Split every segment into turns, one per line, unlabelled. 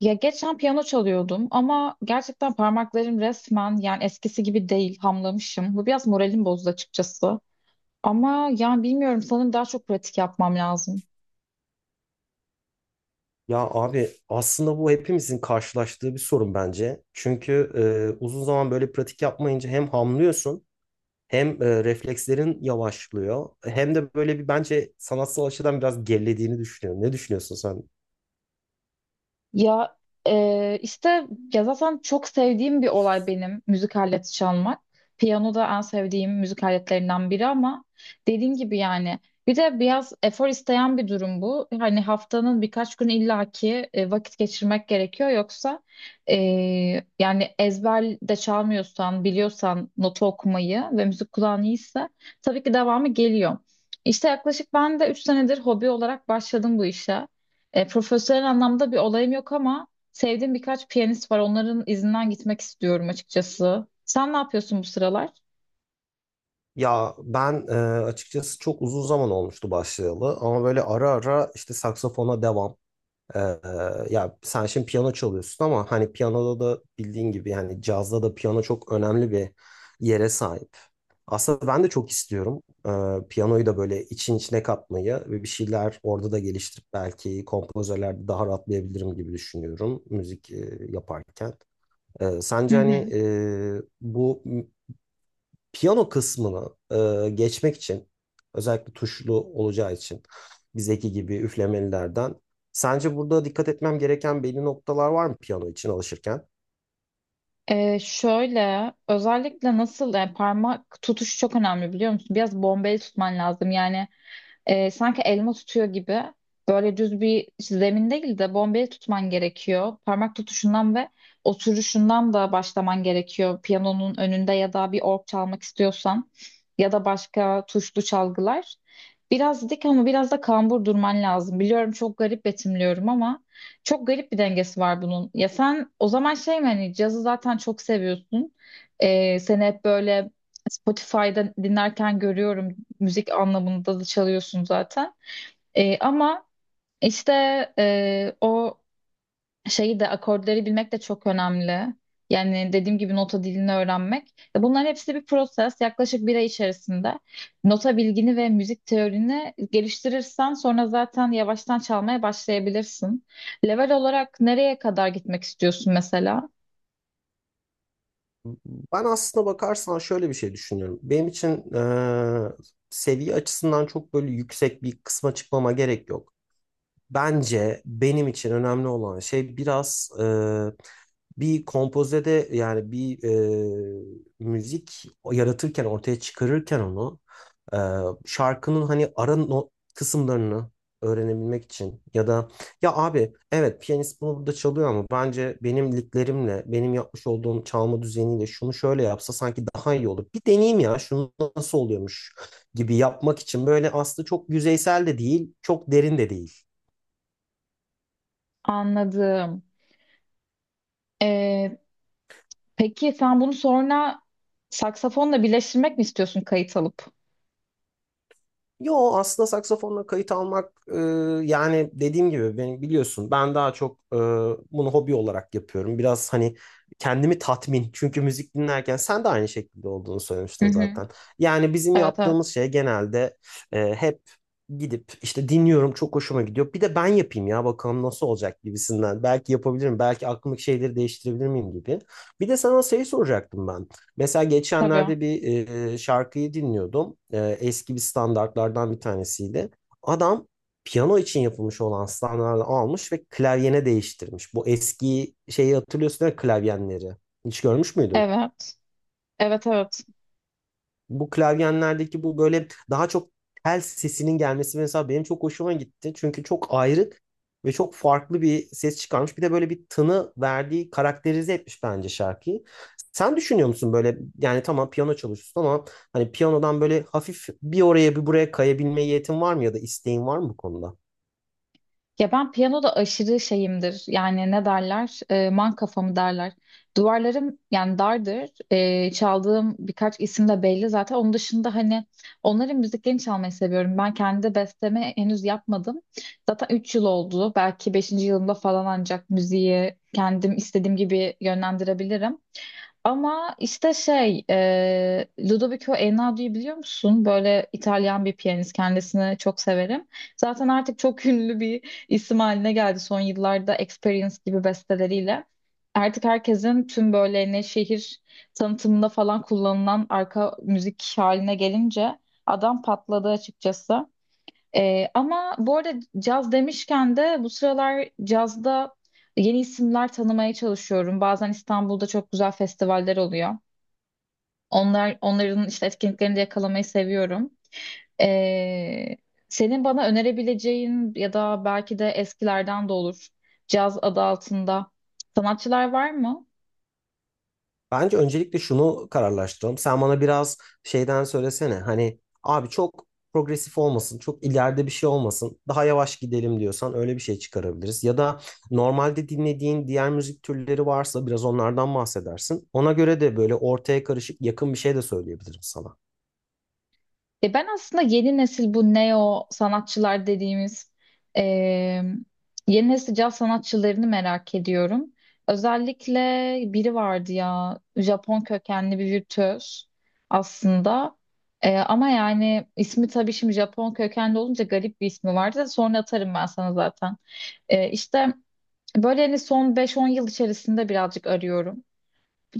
Ya geçen piyano çalıyordum ama gerçekten parmaklarım resmen yani eskisi gibi değil hamlamışım. Bu biraz moralim bozdu açıkçası. Ama yani bilmiyorum sanırım daha çok pratik yapmam lazım.
Ya abi aslında bu hepimizin karşılaştığı bir sorun bence. Çünkü uzun zaman böyle pratik yapmayınca hem hamlıyorsun hem reflekslerin yavaşlıyor. Hem de böyle bence sanatsal açıdan biraz gerilediğini düşünüyorum. Ne düşünüyorsun sen?
Ya işte ya zaten çok sevdiğim bir olay benim müzik aleti çalmak. Piyano da en sevdiğim müzik aletlerinden biri ama dediğim gibi yani bir de biraz efor isteyen bir durum bu. Hani haftanın birkaç gün illaki vakit geçirmek gerekiyor yoksa e, yani ezber de çalmıyorsan biliyorsan notu okumayı ve müzik kulağın iyiyse tabii ki devamı geliyor. İşte yaklaşık ben de 3 senedir hobi olarak başladım bu işe. Profesyonel anlamda bir olayım yok ama sevdiğim birkaç piyanist var. Onların izinden gitmek istiyorum açıkçası. Sen ne yapıyorsun bu sıralar?
Ya ben açıkçası çok uzun zaman olmuştu başlayalı ama böyle ara ara işte saksafona devam. Ee, Ya sen şimdi piyano çalıyorsun ama hani piyanoda da bildiğin gibi yani cazda da piyano çok önemli bir yere sahip. Aslında ben de çok istiyorum piyanoyu da böyle için içine katmayı ve bir şeyler orada da geliştirip belki kompozörlerde daha rahatlayabilirim gibi düşünüyorum müzik yaparken.
Hı
Sence hani
hı.
bu piyano kısmını geçmek için özellikle tuşlu olacağı için bizdeki gibi üflemelilerden sence burada dikkat etmem gereken belli noktalar var mı piyano için alışırken?
Şöyle özellikle nasıl yani parmak tutuşu çok önemli biliyor musun? Biraz bombeli tutman lazım yani sanki elma tutuyor gibi böyle düz bir zemin değil de bombeli tutman gerekiyor. Parmak tutuşundan ve oturuşundan da başlaman gerekiyor. Piyanonun önünde ya da bir org çalmak istiyorsan ya da başka tuşlu çalgılar. Biraz dik ama biraz da kambur durman lazım. Biliyorum çok garip betimliyorum ama çok garip bir dengesi var bunun. Ya sen o zaman şey mi hani cazı zaten çok seviyorsun. Seni hep böyle Spotify'da dinlerken görüyorum müzik anlamında da çalıyorsun zaten. Ama işte o şeyi de akorları bilmek de çok önemli. Yani dediğim gibi nota dilini öğrenmek. Bunların hepsi bir proses. Yaklaşık bir ay içerisinde nota bilgini ve müzik teorini geliştirirsen sonra zaten yavaştan çalmaya başlayabilirsin. Level olarak nereye kadar gitmek istiyorsun mesela?
Ben aslına bakarsan şöyle bir şey düşünüyorum. Benim için seviye açısından çok böyle yüksek bir kısma çıkmama gerek yok. Bence benim için önemli olan şey biraz bir kompozede yani bir müzik yaratırken ortaya çıkarırken onu e, şarkının hani ara no- kısımlarını öğrenebilmek için ya da ya abi evet piyanist bunu burada çalıyor ama bence benim liglerimle benim yapmış olduğum çalma düzeniyle şunu şöyle yapsa sanki daha iyi olur. Bir deneyeyim ya şunu nasıl oluyormuş gibi yapmak için böyle aslında çok yüzeysel de değil çok derin de değil.
Anladım. Ee, Peki sen bunu sonra saksafonla birleştirmek mi istiyorsun kayıt alıp?
Yo aslında saksafonla kayıt almak yani dediğim gibi biliyorsun ben daha çok bunu hobi olarak yapıyorum. Biraz hani kendimi tatmin çünkü müzik dinlerken sen de aynı şekilde olduğunu söylemiştin
Hı hı.
zaten. Yani bizim
Evet evet.
yaptığımız şey genelde hep gidip işte dinliyorum çok hoşuma gidiyor. Bir de ben yapayım ya bakalım nasıl olacak gibisinden. Belki yapabilirim belki aklımdaki şeyleri değiştirebilir miyim gibi. Bir de sana şey soracaktım ben. Mesela
Tabii.
geçenlerde bir şarkıyı dinliyordum. Eski bir standartlardan bir tanesiydi. Adam piyano için yapılmış olan standartları almış ve klavyene değiştirmiş. Bu eski şeyi hatırlıyorsun değil mi? Klavyenleri. Hiç görmüş müydün?
Evet. Evet evet.
Bu klavyenlerdeki bu böyle daha çok tel sesinin gelmesi mesela benim çok hoşuma gitti. Çünkü çok ayrık ve çok farklı bir ses çıkarmış. Bir de böyle bir tını verdiği karakterize etmiş bence şarkıyı. Sen düşünüyor musun böyle yani tamam piyano çalışıyorsun ama hani piyanodan böyle hafif bir oraya bir buraya kayabilme yetin var mı ya da isteğin var mı bu konuda?
Ya ben piyanoda aşırı şeyimdir. Yani ne derler? Man kafamı derler. Duvarlarım yani dardır. Çaldığım birkaç isim de belli zaten. Onun dışında hani onların müziklerini çalmayı seviyorum. Ben kendi besteme henüz yapmadım. Zaten 3 yıl oldu. Belki beşinci yılımda falan ancak müziği kendim istediğim gibi yönlendirebilirim. Ama işte Ludovico Einaudio'yu biliyor musun? Böyle İtalyan bir piyanist, kendisini çok severim. Zaten artık çok ünlü bir isim haline geldi son yıllarda Experience gibi besteleriyle. Artık herkesin tüm böyle ne şehir tanıtımında falan kullanılan arka müzik haline gelince adam patladı açıkçası. Ama bu arada caz demişken de bu sıralar cazda yeni isimler tanımaya çalışıyorum. Bazen İstanbul'da çok güzel festivaller oluyor. Onlar onların işte etkinliklerini de yakalamayı seviyorum. Ee, senin bana önerebileceğin ya da belki de eskilerden de olur caz adı altında sanatçılar var mı?
Bence öncelikle şunu kararlaştıralım. Sen bana biraz şeyden söylesene. Hani abi çok progresif olmasın, çok ileride bir şey olmasın. Daha yavaş gidelim diyorsan öyle bir şey çıkarabiliriz. Ya da normalde dinlediğin diğer müzik türleri varsa biraz onlardan bahsedersin. Ona göre de böyle ortaya karışık yakın bir şey de söyleyebilirim sana.
E ben aslında yeni nesil bu neo sanatçılar dediğimiz e, yeni nesil caz sanatçılarını merak ediyorum. Özellikle biri vardı ya Japon kökenli bir virtüöz aslında. Ama yani ismi tabii şimdi Japon kökenli olunca garip bir ismi vardı, da sonra atarım ben sana zaten. E, işte böyle hani son beş-on yıl içerisinde birazcık arıyorum.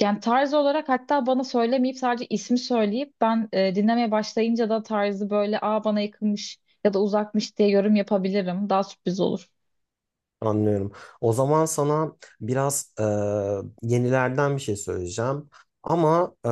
Yani tarz olarak hatta bana söylemeyip sadece ismi söyleyip ben dinlemeye başlayınca da tarzı böyle aa bana yakınmış ya da uzakmış diye yorum yapabilirim. Daha sürpriz olur.
Anlıyorum. O zaman sana biraz yenilerden bir şey söyleyeceğim. Ama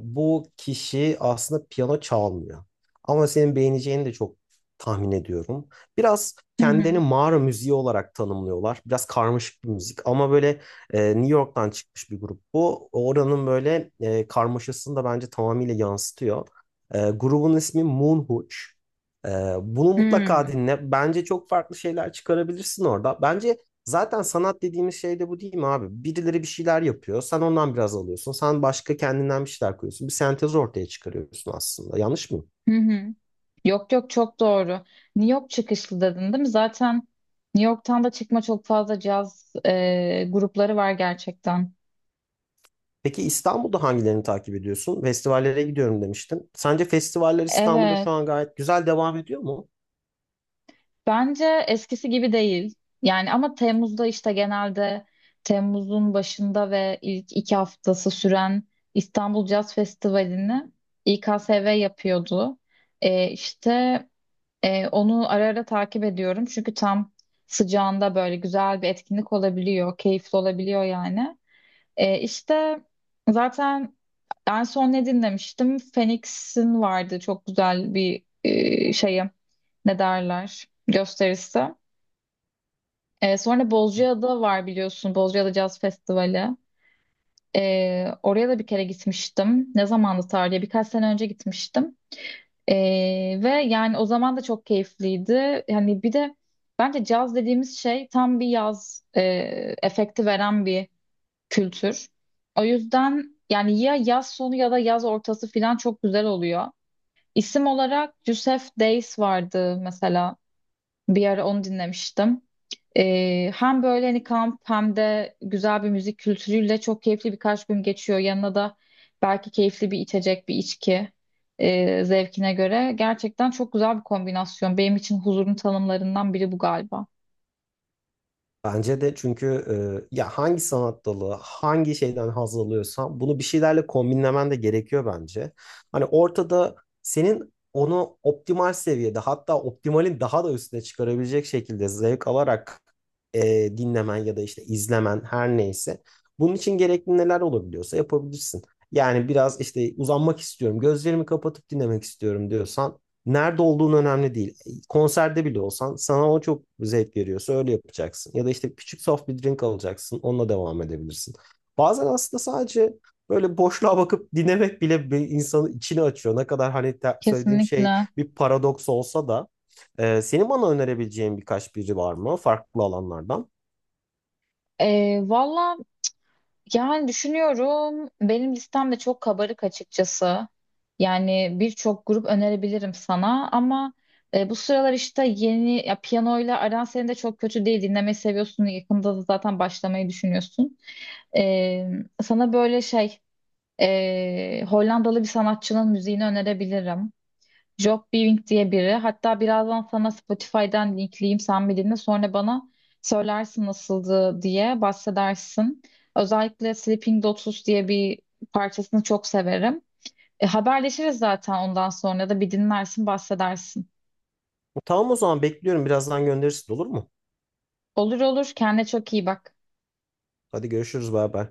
bu kişi aslında piyano çalmıyor. Ama senin beğeneceğini de çok tahmin ediyorum. Biraz
Hı
kendini
hı.
mağara müziği olarak tanımlıyorlar. Biraz karmaşık bir müzik ama böyle New York'tan çıkmış bir grup bu. Oranın böyle karmaşasını da bence tamamıyla yansıtıyor. Grubun ismi Moonhooch. Ee, Bunu mutlaka
Hmm.
dinle. Bence çok farklı şeyler çıkarabilirsin orada. Bence zaten sanat dediğimiz şey de bu değil mi abi? Birileri bir şeyler yapıyor. Sen ondan biraz alıyorsun. Sen başka kendinden bir şeyler koyuyorsun. Bir sentez ortaya çıkarıyorsun aslında. Yanlış mı?
Hı hı. Yok yok çok doğru. New York çıkışlı dedin değil mi? Zaten New York'tan da çıkma çok fazla caz grupları var gerçekten.
Peki İstanbul'da hangilerini takip ediyorsun? Festivallere gidiyorum demiştin. Sence festivaller İstanbul'da
Evet.
şu an gayet güzel devam ediyor mu?
Bence eskisi gibi değil. Yani ama Temmuz'da işte genelde Temmuz'un başında ve ilk 2 haftası süren İstanbul Jazz Festivali'ni İKSV yapıyordu. İşte onu ara ara takip ediyorum. Çünkü tam sıcağında böyle güzel bir etkinlik olabiliyor, keyifli olabiliyor yani. İşte zaten en son ne dinlemiştim? Phoenix'in vardı çok güzel bir şeyi ne derler gösterisi. Sonra Bozcaada var biliyorsun. Bozcaada Caz Festivali. Oraya da bir kere gitmiştim. Ne zamandı tarihe? Birkaç sene önce gitmiştim. Ve yani o zaman da çok keyifliydi. Yani bir de bence caz dediğimiz şey tam bir yaz efekti veren bir kültür. O yüzden yani ya yaz sonu ya da yaz ortası falan çok güzel oluyor. İsim olarak Yusef Days vardı mesela. Bir ara onu dinlemiştim. Hem böyle hani kamp hem de güzel bir müzik kültürüyle çok keyifli birkaç gün geçiyor. Yanına da belki keyifli bir içecek, bir içki zevkine göre. Gerçekten çok güzel bir kombinasyon. Benim için huzurun tanımlarından biri bu galiba.
Bence de çünkü ya hangi sanat dalı, hangi şeyden haz alıyorsan bunu bir şeylerle kombinlemen de gerekiyor bence. Hani ortada senin onu optimal seviyede hatta optimalin daha da üstüne çıkarabilecek şekilde zevk alarak e, dinlemen ya da işte izlemen her neyse. Bunun için gerekli neler olabiliyorsa yapabilirsin. Yani biraz işte uzanmak istiyorum, gözlerimi kapatıp dinlemek istiyorum diyorsan nerede olduğun önemli değil konserde bile olsan sana o çok zevk veriyorsa öyle yapacaksın. Ya da işte küçük soft bir drink alacaksın onunla devam edebilirsin. Bazen aslında sadece böyle boşluğa bakıp dinlemek bile bir insanı içini açıyor. Ne kadar hani söylediğim şey
Kesinlikle.
bir paradoks olsa da senin bana önerebileceğin birkaç biri var mı farklı alanlardan?
Valla, yani düşünüyorum benim listem de çok kabarık açıkçası. Yani birçok grup önerebilirim sana ama bu sıralar işte yeni ya piyanoyla aran senin de çok kötü değil. Dinlemeyi seviyorsun. Yakında da zaten başlamayı düşünüyorsun. E, sana böyle Hollandalı bir sanatçının müziğini önerebilirim. Job Bing diye biri. Hatta birazdan sana Spotify'dan linkleyeyim sen bir dinle. Sonra bana söylersin nasıldı diye bahsedersin. Özellikle Sleeping Dogs diye bir parçasını çok severim. Haberleşiriz zaten ondan sonra da bir dinlersin bahsedersin.
Tamam o zaman bekliyorum birazdan gönderirsin olur mu?
Olur olur kendine çok iyi bak.
Hadi görüşürüz bay bay.